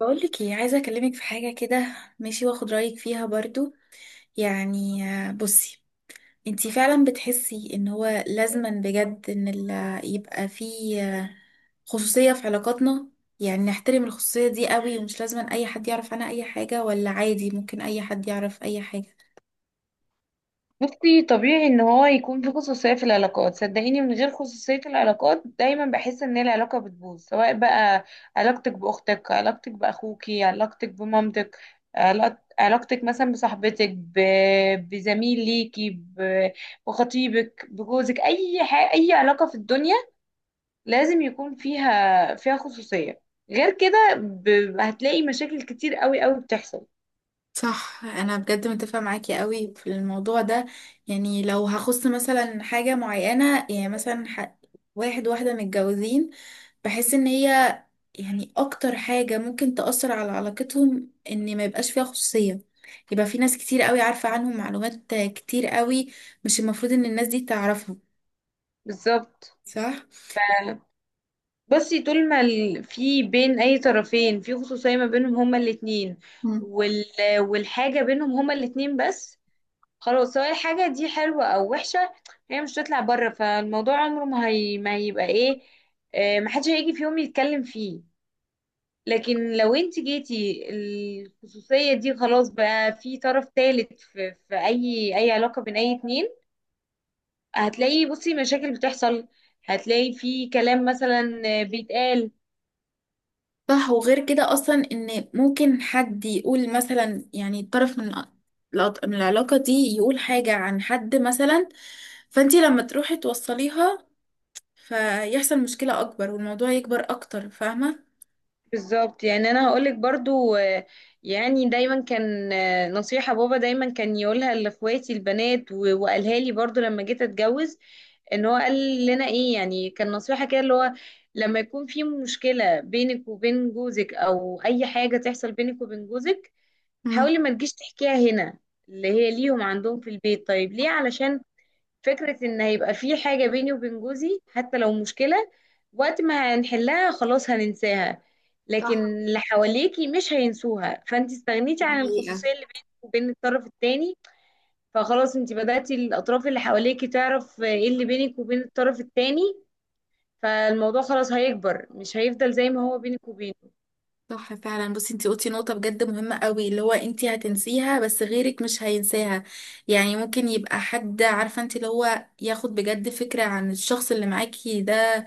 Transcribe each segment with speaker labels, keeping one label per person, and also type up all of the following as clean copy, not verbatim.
Speaker 1: بقولك ايه؟ عايزة اكلمك في حاجة كده، ماشي؟ واخد رأيك فيها برضو. يعني بصي، انتي فعلا بتحسي ان هو لازما بجد ان يبقى فيه خصوصية في علاقاتنا؟ يعني نحترم الخصوصية دي قوي ومش لازما اي حد يعرف عنها اي حاجة، ولا عادي ممكن اي حد يعرف اي حاجة؟
Speaker 2: بصي، طبيعي ان هو يكون في خصوصية في العلاقات. صدقيني، من غير خصوصية العلاقات دايما بحس ان العلاقة بتبوظ. سواء بقى علاقتك باختك، علاقتك باخوكي، علاقتك بمامتك، علاقتك مثلا بصاحبتك، بزميل ليكي، بخطيبك، بجوزك، اي حاجة، اي علاقة في الدنيا لازم يكون فيها خصوصية. غير كده هتلاقي مشاكل كتير قوي قوي بتحصل.
Speaker 1: صح، انا بجد متفقة معاكي قوي في الموضوع ده. يعني لو هخص مثلا حاجة معينة، يعني مثلا واحد واحدة متجوزين، بحس ان هي يعني اكتر حاجة ممكن تأثر على علاقتهم ان ما يبقاش فيها خصوصية. يبقى في ناس كتير قوي عارفة عنهم معلومات كتير قوي مش المفروض ان الناس دي تعرفها.
Speaker 2: بالظبط.
Speaker 1: صح.
Speaker 2: بصي، طول ما في بين اي طرفين في خصوصية ما بينهم هما الاتنين،
Speaker 1: مم.
Speaker 2: وال... والحاجة بينهم هما الاتنين بس. خلاص، سواء الحاجة دي حلوة او وحشة، هي مش هتطلع بره، فالموضوع عمره ما هيبقى ايه. محدش هيجي في يوم يتكلم فيه. لكن لو انت جيتي الخصوصية دي، خلاص بقى في طرف تالت في اي علاقة بين اي اتنين، هتلاقي، بصي، مشاكل بتحصل. هتلاقي في كلام مثلا بيتقال.
Speaker 1: صح، وغير كده اصلا ان ممكن حد يقول مثلا، يعني طرف من من العلاقة دي، يقول حاجة عن حد مثلا، فانتي لما تروحي توصليها، فيحصل مشكلة اكبر والموضوع يكبر اكتر، فاهمة؟
Speaker 2: بالظبط، يعني انا هقولك برضو. يعني دايما كان، نصيحة بابا دايما كان يقولها لاخواتي البنات، وقالها لي برضو لما جيت اتجوز. ان هو قال لنا ايه؟ يعني كان نصيحة كده، اللي هو لما يكون في مشكلة بينك وبين جوزك او اي حاجة تحصل بينك وبين جوزك،
Speaker 1: مم.
Speaker 2: حاولي ما تجيش تحكيها هنا، اللي هي ليهم عندهم في البيت. طيب ليه؟ علشان فكرة ان هيبقى في حاجة بيني وبين جوزي حتى لو مشكلة، وقت ما هنحلها خلاص هننساها، لكن
Speaker 1: صح.
Speaker 2: اللي حواليكي مش هينسوها، فانت استغنيتي
Speaker 1: دي
Speaker 2: عن
Speaker 1: حقيقة.
Speaker 2: الخصوصية اللي بينك وبين الطرف التاني. فخلاص، انت بدأتي الاطراف اللي حواليكي تعرف ايه اللي بينك وبين الطرف التاني، فالموضوع خلاص هيكبر، مش هيفضل زي ما هو بينك وبينه.
Speaker 1: صح فعلا، بصي انتي قلتي نقطة بجد مهمة قوي، اللي هو انتي هتنسيها بس غيرك مش هينساها. يعني ممكن يبقى حد عارفة انتي اللي هو ياخد بجد فكرة عن الشخص اللي معاكي ده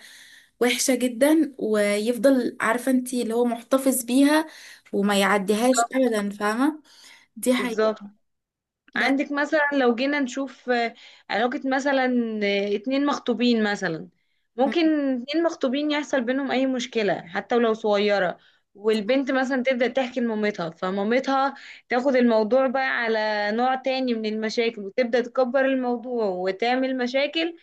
Speaker 1: وحشة جدا، ويفضل عارفة انتي اللي هو محتفظ بيها وما يعديهاش
Speaker 2: بالظبط،
Speaker 1: ابدا، فاهمة؟ دي حقيقة.
Speaker 2: بالظبط.
Speaker 1: بس.
Speaker 2: عندك مثلا، لو جينا نشوف علاقة مثلا، اتنين مخطوبين مثلا،
Speaker 1: مم.
Speaker 2: ممكن اتنين مخطوبين يحصل بينهم أي مشكلة حتى ولو صغيرة، والبنت مثلا تبدأ تحكي لمامتها، فمامتها تاخد الموضوع بقى على نوع تاني من المشاكل وتبدأ تكبر الموضوع وتعمل مشاكل،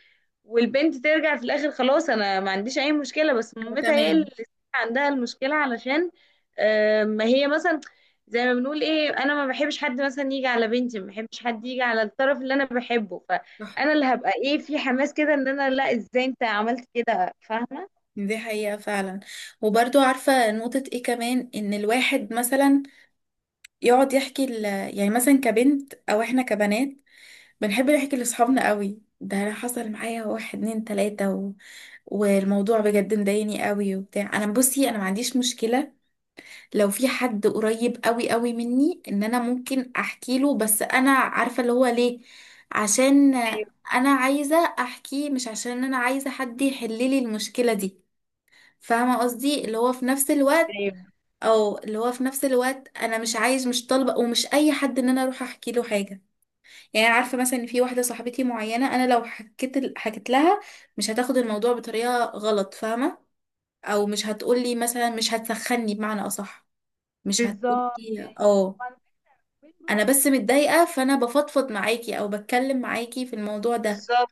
Speaker 2: والبنت ترجع في الاخر خلاص انا ما عنديش اي مشكله، بس مامتها هي اللي
Speaker 1: تمام.
Speaker 2: عندها المشكله. علشان ما هي مثلا، زي ما بنقول ايه، انا ما بحبش حد مثلا يجي على بنتي، ما بحبش حد يجي على الطرف اللي انا بحبه،
Speaker 1: صح،
Speaker 2: فانا اللي هبقى ايه، في حماس كده ان انا، لا، ازاي انت عملت كده؟ فاهمه.
Speaker 1: دي حقيقة فعلا. وبرضو عارفة نقطة ايه كمان، ان الواحد مثلا يقعد يحكي يعني مثلا كبنت، او احنا كبنات بنحب نحكي لاصحابنا قوي، ده انا حصل معايا واحد اتنين تلاتة والموضوع بجد مضايقني قوي وبتاع، انا بصي انا ما عنديش مشكلة لو في حد قريب قوي قوي مني ان انا ممكن احكي له، بس انا عارفة اللي هو ليه، عشان
Speaker 2: ايوه،
Speaker 1: انا عايزة احكيه مش عشان انا عايزة حد يحل لي المشكلة دي، فاهمة قصدي اللي هو في نفس الوقت،
Speaker 2: ايوه.
Speaker 1: او اللي هو في نفس الوقت انا مش عايز مش طالبة ومش اي حد ان انا اروح احكي له حاجة. يعني أنا عارفه مثلا ان في واحده صاحبتي معينه انا لو حكيت لها مش هتاخد الموضوع بطريقه غلط، فاهمه؟ او مش هتقولي مثلا، مش هتسخني بمعنى اصح، مش
Speaker 2: بالظبط،
Speaker 1: هتقولي
Speaker 2: يعني
Speaker 1: اه
Speaker 2: وعلى فكرة البيت
Speaker 1: انا
Speaker 2: برضه.
Speaker 1: بس متضايقه، فانا بفضفض معاكي او بتكلم معاكي في الموضوع ده،
Speaker 2: بالظبط،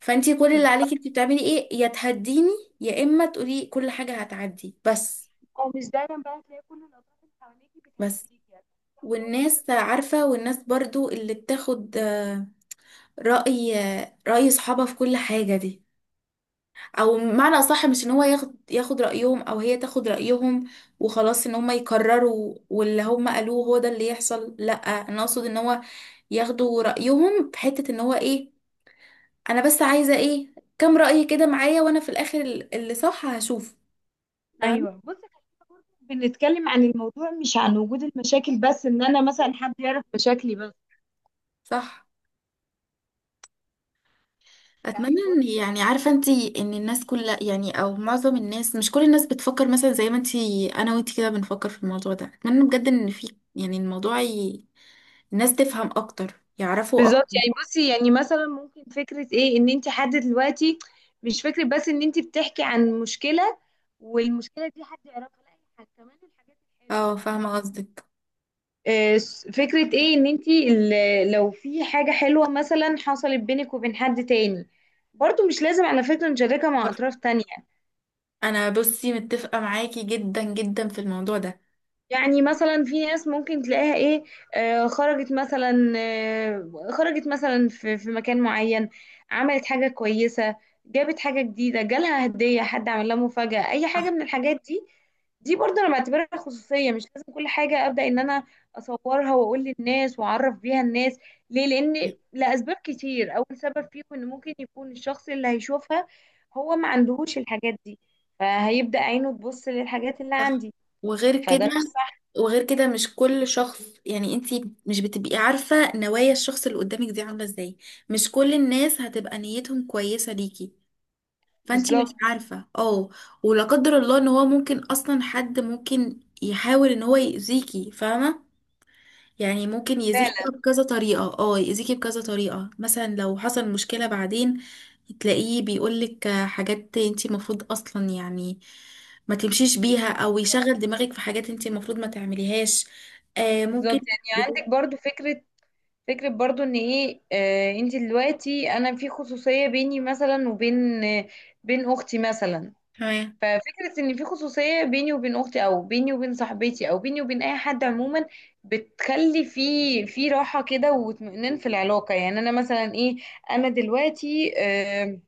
Speaker 1: فانتي كل اللي
Speaker 2: بالظبط.
Speaker 1: عليكي انتي بتعملي ايه، يا تهديني يا اما تقولي كل حاجه هتعدي بس.
Speaker 2: او مش دايما بقى تلاقي كل الاطراف اللي حواليكي
Speaker 1: بس.
Speaker 2: بتهديكي، يعني في أطراف كده.
Speaker 1: والناس عارفه، والناس برضو اللي بتاخد رأي، رأي صحابها في كل حاجة دي، او معنى اصح مش ان هو ياخد رايهم او هي تاخد رايهم وخلاص، ان هم يكرروا واللي هم قالوه هو ده اللي يحصل، لا انا اقصد ان هو ياخدوا رايهم في حته ان هو ايه، انا بس عايزه ايه، كام راي كده معايا، وانا في الاخر اللي صح هشوف، فاهم؟
Speaker 2: ايوه. بص، خلينا برضه بنتكلم عن الموضوع، مش عن وجود المشاكل بس ان انا مثلا حد يعرف مشاكلي بس.
Speaker 1: صح.
Speaker 2: يعني
Speaker 1: اتمنى ان،
Speaker 2: برضه.
Speaker 1: يعني عارفه انت ان الناس كلها يعني، او معظم الناس مش كل الناس بتفكر مثلا زي ما انت، انا وانت كده بنفكر في الموضوع ده. اتمنى بجد ان في يعني الموضوع الناس تفهم اكتر، يعرفوا
Speaker 2: بالظبط،
Speaker 1: اكتر.
Speaker 2: يعني بصي، يعني مثلا ممكن فكرة ايه ان انت حد دلوقتي، مش فكرة بس ان انت بتحكي عن مشكلة والمشكلة دي حد يعرفها، لا، كمان الحاجات الحلوة
Speaker 1: اه
Speaker 2: يعني.
Speaker 1: فاهمه قصدك.
Speaker 2: فكرة ايه ان انت لو في حاجة حلوة مثلا حصلت بينك وبين حد تاني، برضو مش لازم على فكرة نشاركها مع
Speaker 1: صح.
Speaker 2: اطراف تانية.
Speaker 1: انا بصي متفقه معاكي جدا جدا في الموضوع ده.
Speaker 2: يعني مثلا في ناس ممكن تلاقيها ايه، خرجت مثلا في مكان معين، عملت حاجة كويسة، جابت حاجة جديدة، جالها هدية، حد عمل لها مفاجأة، أي حاجة من الحاجات دي. دي برضه أنا بعتبرها خصوصية، مش لازم كل حاجة أبدأ إن أنا أصورها وأقول للناس وأعرف بيها الناس. ليه؟ لأسباب كتير. أول سبب فيهم إن ممكن يكون الشخص اللي هيشوفها هو ما عندهوش الحاجات دي، فهيبدأ عينه تبص للحاجات اللي
Speaker 1: صح.
Speaker 2: عندي،
Speaker 1: وغير
Speaker 2: فده مش
Speaker 1: كده،
Speaker 2: صح.
Speaker 1: وغير كده مش كل شخص، يعني انت مش بتبقي عارفه نوايا الشخص اللي قدامك دي عامله ازاي. مش كل الناس هتبقى نيتهم كويسه ليكي، فانتي مش
Speaker 2: بالظبط.
Speaker 1: عارفة اه ولا قدر الله ان هو ممكن اصلا حد ممكن يحاول ان هو يأذيكي، فاهمة؟ يعني ممكن يأذيكي
Speaker 2: فعلا.
Speaker 1: بقى بكذا طريقة، اه يأذيكي بكذا طريقة مثلا لو حصل مشكلة بعدين، تلاقيه بيقولك حاجات انتي المفروض اصلا يعني ما تمشيش بيها، او يشغل دماغك في حاجات انتي المفروض ما تعمليهاش. آه ممكن.
Speaker 2: بالظبط، يعني عندك برضو فكرة برضو ان ايه، انت دلوقتي انا في خصوصية بيني مثلا وبين آه بين اختي مثلا.
Speaker 1: تمام.
Speaker 2: ففكرة ان في خصوصية بيني وبين اختي، او بيني وبين صاحبتي، او بيني وبين اي حد عموما، بتخلي في راحة كده واطمئنان في العلاقة. يعني انا مثلا ايه، انا دلوقتي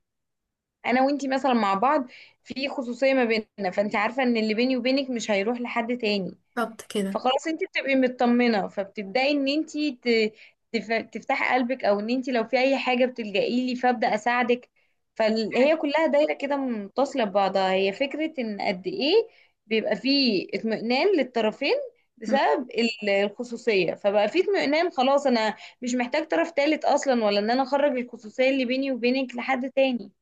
Speaker 2: انا وانتي مثلا مع بعض في خصوصية ما بيننا، فانت عارفة ان اللي بيني وبينك مش هيروح لحد تاني.
Speaker 1: بالظبط
Speaker 2: فخلاص انت بتبقي مطمنه، فبتبداي ان انت تفتحي قلبك، او ان انت لو في اي حاجه بتلجئي لي فابدا اساعدك.
Speaker 1: كده.
Speaker 2: فهي كلها دايره كده متصله ببعضها، هي فكره ان قد ايه بيبقى فيه اطمئنان للطرفين بسبب الخصوصيه، فبقى فيه اطمئنان، خلاص انا مش محتاج طرف تالت اصلا، ولا ان انا اخرج الخصوصيه اللي بيني وبينك لحد تاني.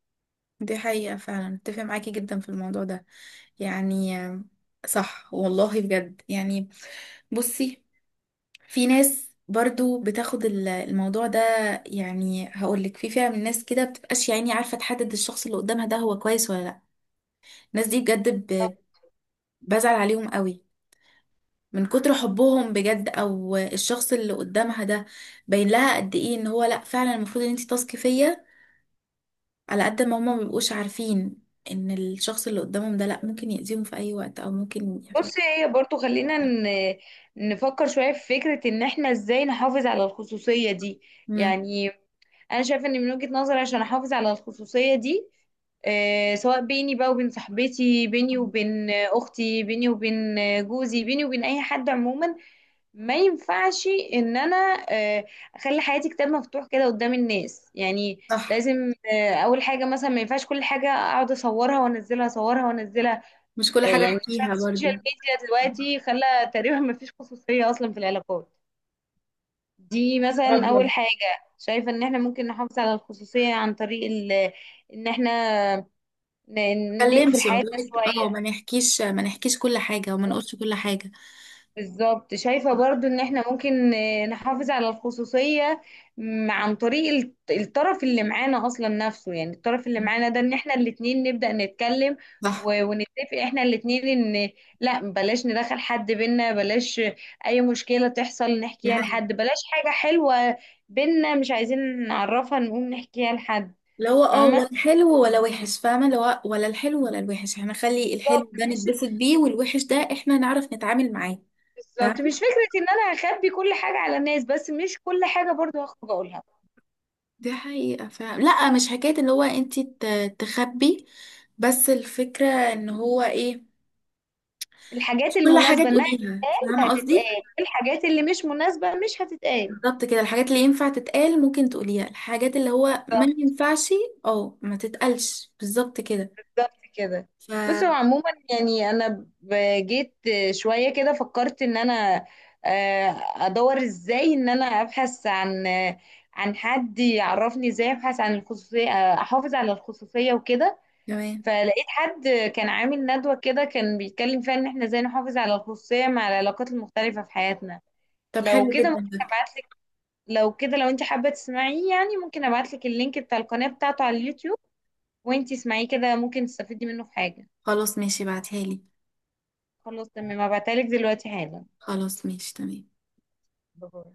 Speaker 1: دي حقيقة فعلا، اتفق معاكي جدا في الموضوع ده. يعني صح والله بجد يعني. بصي، في ناس برضو بتاخد الموضوع ده، يعني هقولك في فئة من الناس كده بتبقاش يعني عارفة تحدد الشخص اللي قدامها ده هو كويس ولا لا. الناس دي بجد بزعل عليهم قوي من كتر حبهم بجد، او الشخص اللي قدامها ده باين لها قد ايه ان هو لا فعلا المفروض ان انت تثقي فيا، على قد ما هما مبيبقوش عارفين ان الشخص اللي قدامهم ده لا ممكن يأذيهم في اي وقت او ممكن يحصل.
Speaker 2: بص، هي برضو، خلينا نفكر شوية في فكرة ان احنا ازاي نحافظ على الخصوصية دي.
Speaker 1: امم.
Speaker 2: يعني انا شايفة ان من وجهة نظري، عشان احافظ على الخصوصية دي سواء بيني بقى وبين صاحبتي، بيني وبين اختي، بيني وبين جوزي، بيني وبين اي حد عموما، ما ينفعش ان انا آه، اخلي حياتي كتاب مفتوح كده قدام الناس يعني.
Speaker 1: صح.
Speaker 2: لازم اول حاجة، مثلا، ما ينفعش كل حاجة اقعد اصورها وانزلها، اصورها وانزلها.
Speaker 1: مش كل حاجة
Speaker 2: يعني ترند
Speaker 1: احكيها
Speaker 2: السوشيال
Speaker 1: برضو.
Speaker 2: ميديا دلوقتي خلى تقريبا ما فيش خصوصية أصلا في العلاقات دي. مثلا
Speaker 1: ابيض
Speaker 2: أول
Speaker 1: ما
Speaker 2: حاجة شايفة إن احنا ممكن نحافظ على الخصوصية عن طريق إن احنا نقفل
Speaker 1: اتكلمش، ما
Speaker 2: حياتنا
Speaker 1: بقولك اه، ما
Speaker 2: شوية.
Speaker 1: نحكيش ما نحكيش كل حاجة، وما نقولش كل حاجة.
Speaker 2: بالظبط. شايفة برضو ان احنا ممكن نحافظ على الخصوصية عن طريق الطرف اللي معانا اصلا نفسه، يعني الطرف اللي معانا ده، ان احنا الاتنين نبدأ نتكلم
Speaker 1: صح.
Speaker 2: ونتفق احنا الاتنين ان، لا، بلاش ندخل حد بينا، بلاش اي مشكلة تحصل
Speaker 1: دي
Speaker 2: نحكيها
Speaker 1: حقيقة.
Speaker 2: لحد، بلاش حاجة حلوة بينا مش عايزين نعرفها نقوم نحكيها لحد.
Speaker 1: اللي هو اه،
Speaker 2: فاهمة.
Speaker 1: ولا حلو ولا وحش، فاهمة؟ اللي هو ولا الحلو ولا الوحش، احنا نخلي
Speaker 2: بالظبط
Speaker 1: الحلو ده
Speaker 2: مش
Speaker 1: نتبسط بيه، والوحش ده احنا نعرف نتعامل معاه.
Speaker 2: بالظبط مش فكرة ان انا هخبي كل حاجة على الناس، بس مش كل حاجة برضو هخرج اقولها.
Speaker 1: دي حقيقة فعلا. لا مش حكاية اللي هو انتي تخبي، بس الفكرة ان هو ايه،
Speaker 2: الحاجات
Speaker 1: مش كل حاجة
Speaker 2: المناسبة انها
Speaker 1: تقوليها، فاهمة
Speaker 2: هتتقال،
Speaker 1: قصدي؟
Speaker 2: الحاجات اللي مش مناسبة مش هتتقال.
Speaker 1: بالظبط كده، الحاجات اللي ينفع تتقال ممكن تقوليها، الحاجات اللي هو ما
Speaker 2: بالظبط.
Speaker 1: ينفعش اه ما تتقالش، بالظبط كده.
Speaker 2: بالظبط كده.
Speaker 1: ف
Speaker 2: بص، هو عموما يعني انا جيت شويه كده فكرت ان انا ادور ازاي، ان انا ابحث عن، عن حد يعرفني ازاي ابحث عن الخصوصيه، احافظ على الخصوصيه وكده.
Speaker 1: تمام.
Speaker 2: فلقيت حد كان عامل ندوه كده، كان بيتكلم فيها ان احنا ازاي نحافظ على الخصوصيه مع العلاقات المختلفه في حياتنا.
Speaker 1: طب
Speaker 2: لو
Speaker 1: حلو
Speaker 2: كده
Speaker 1: جدا
Speaker 2: ممكن
Speaker 1: ده.
Speaker 2: ابعت لو كده، لو انت حابة تسمعيه، يعني ممكن ابعتلك اللينك بتاع القناة بتاعته على اليوتيوب، وانت اسمعيه كده ممكن تستفيدي منه في حاجة.
Speaker 1: خلاص ماشي، بعتها لي.
Speaker 2: خلاص تمام، هبعتهالك دلوقتي حالا.
Speaker 1: خلاص ماشي تمام.
Speaker 2: باي.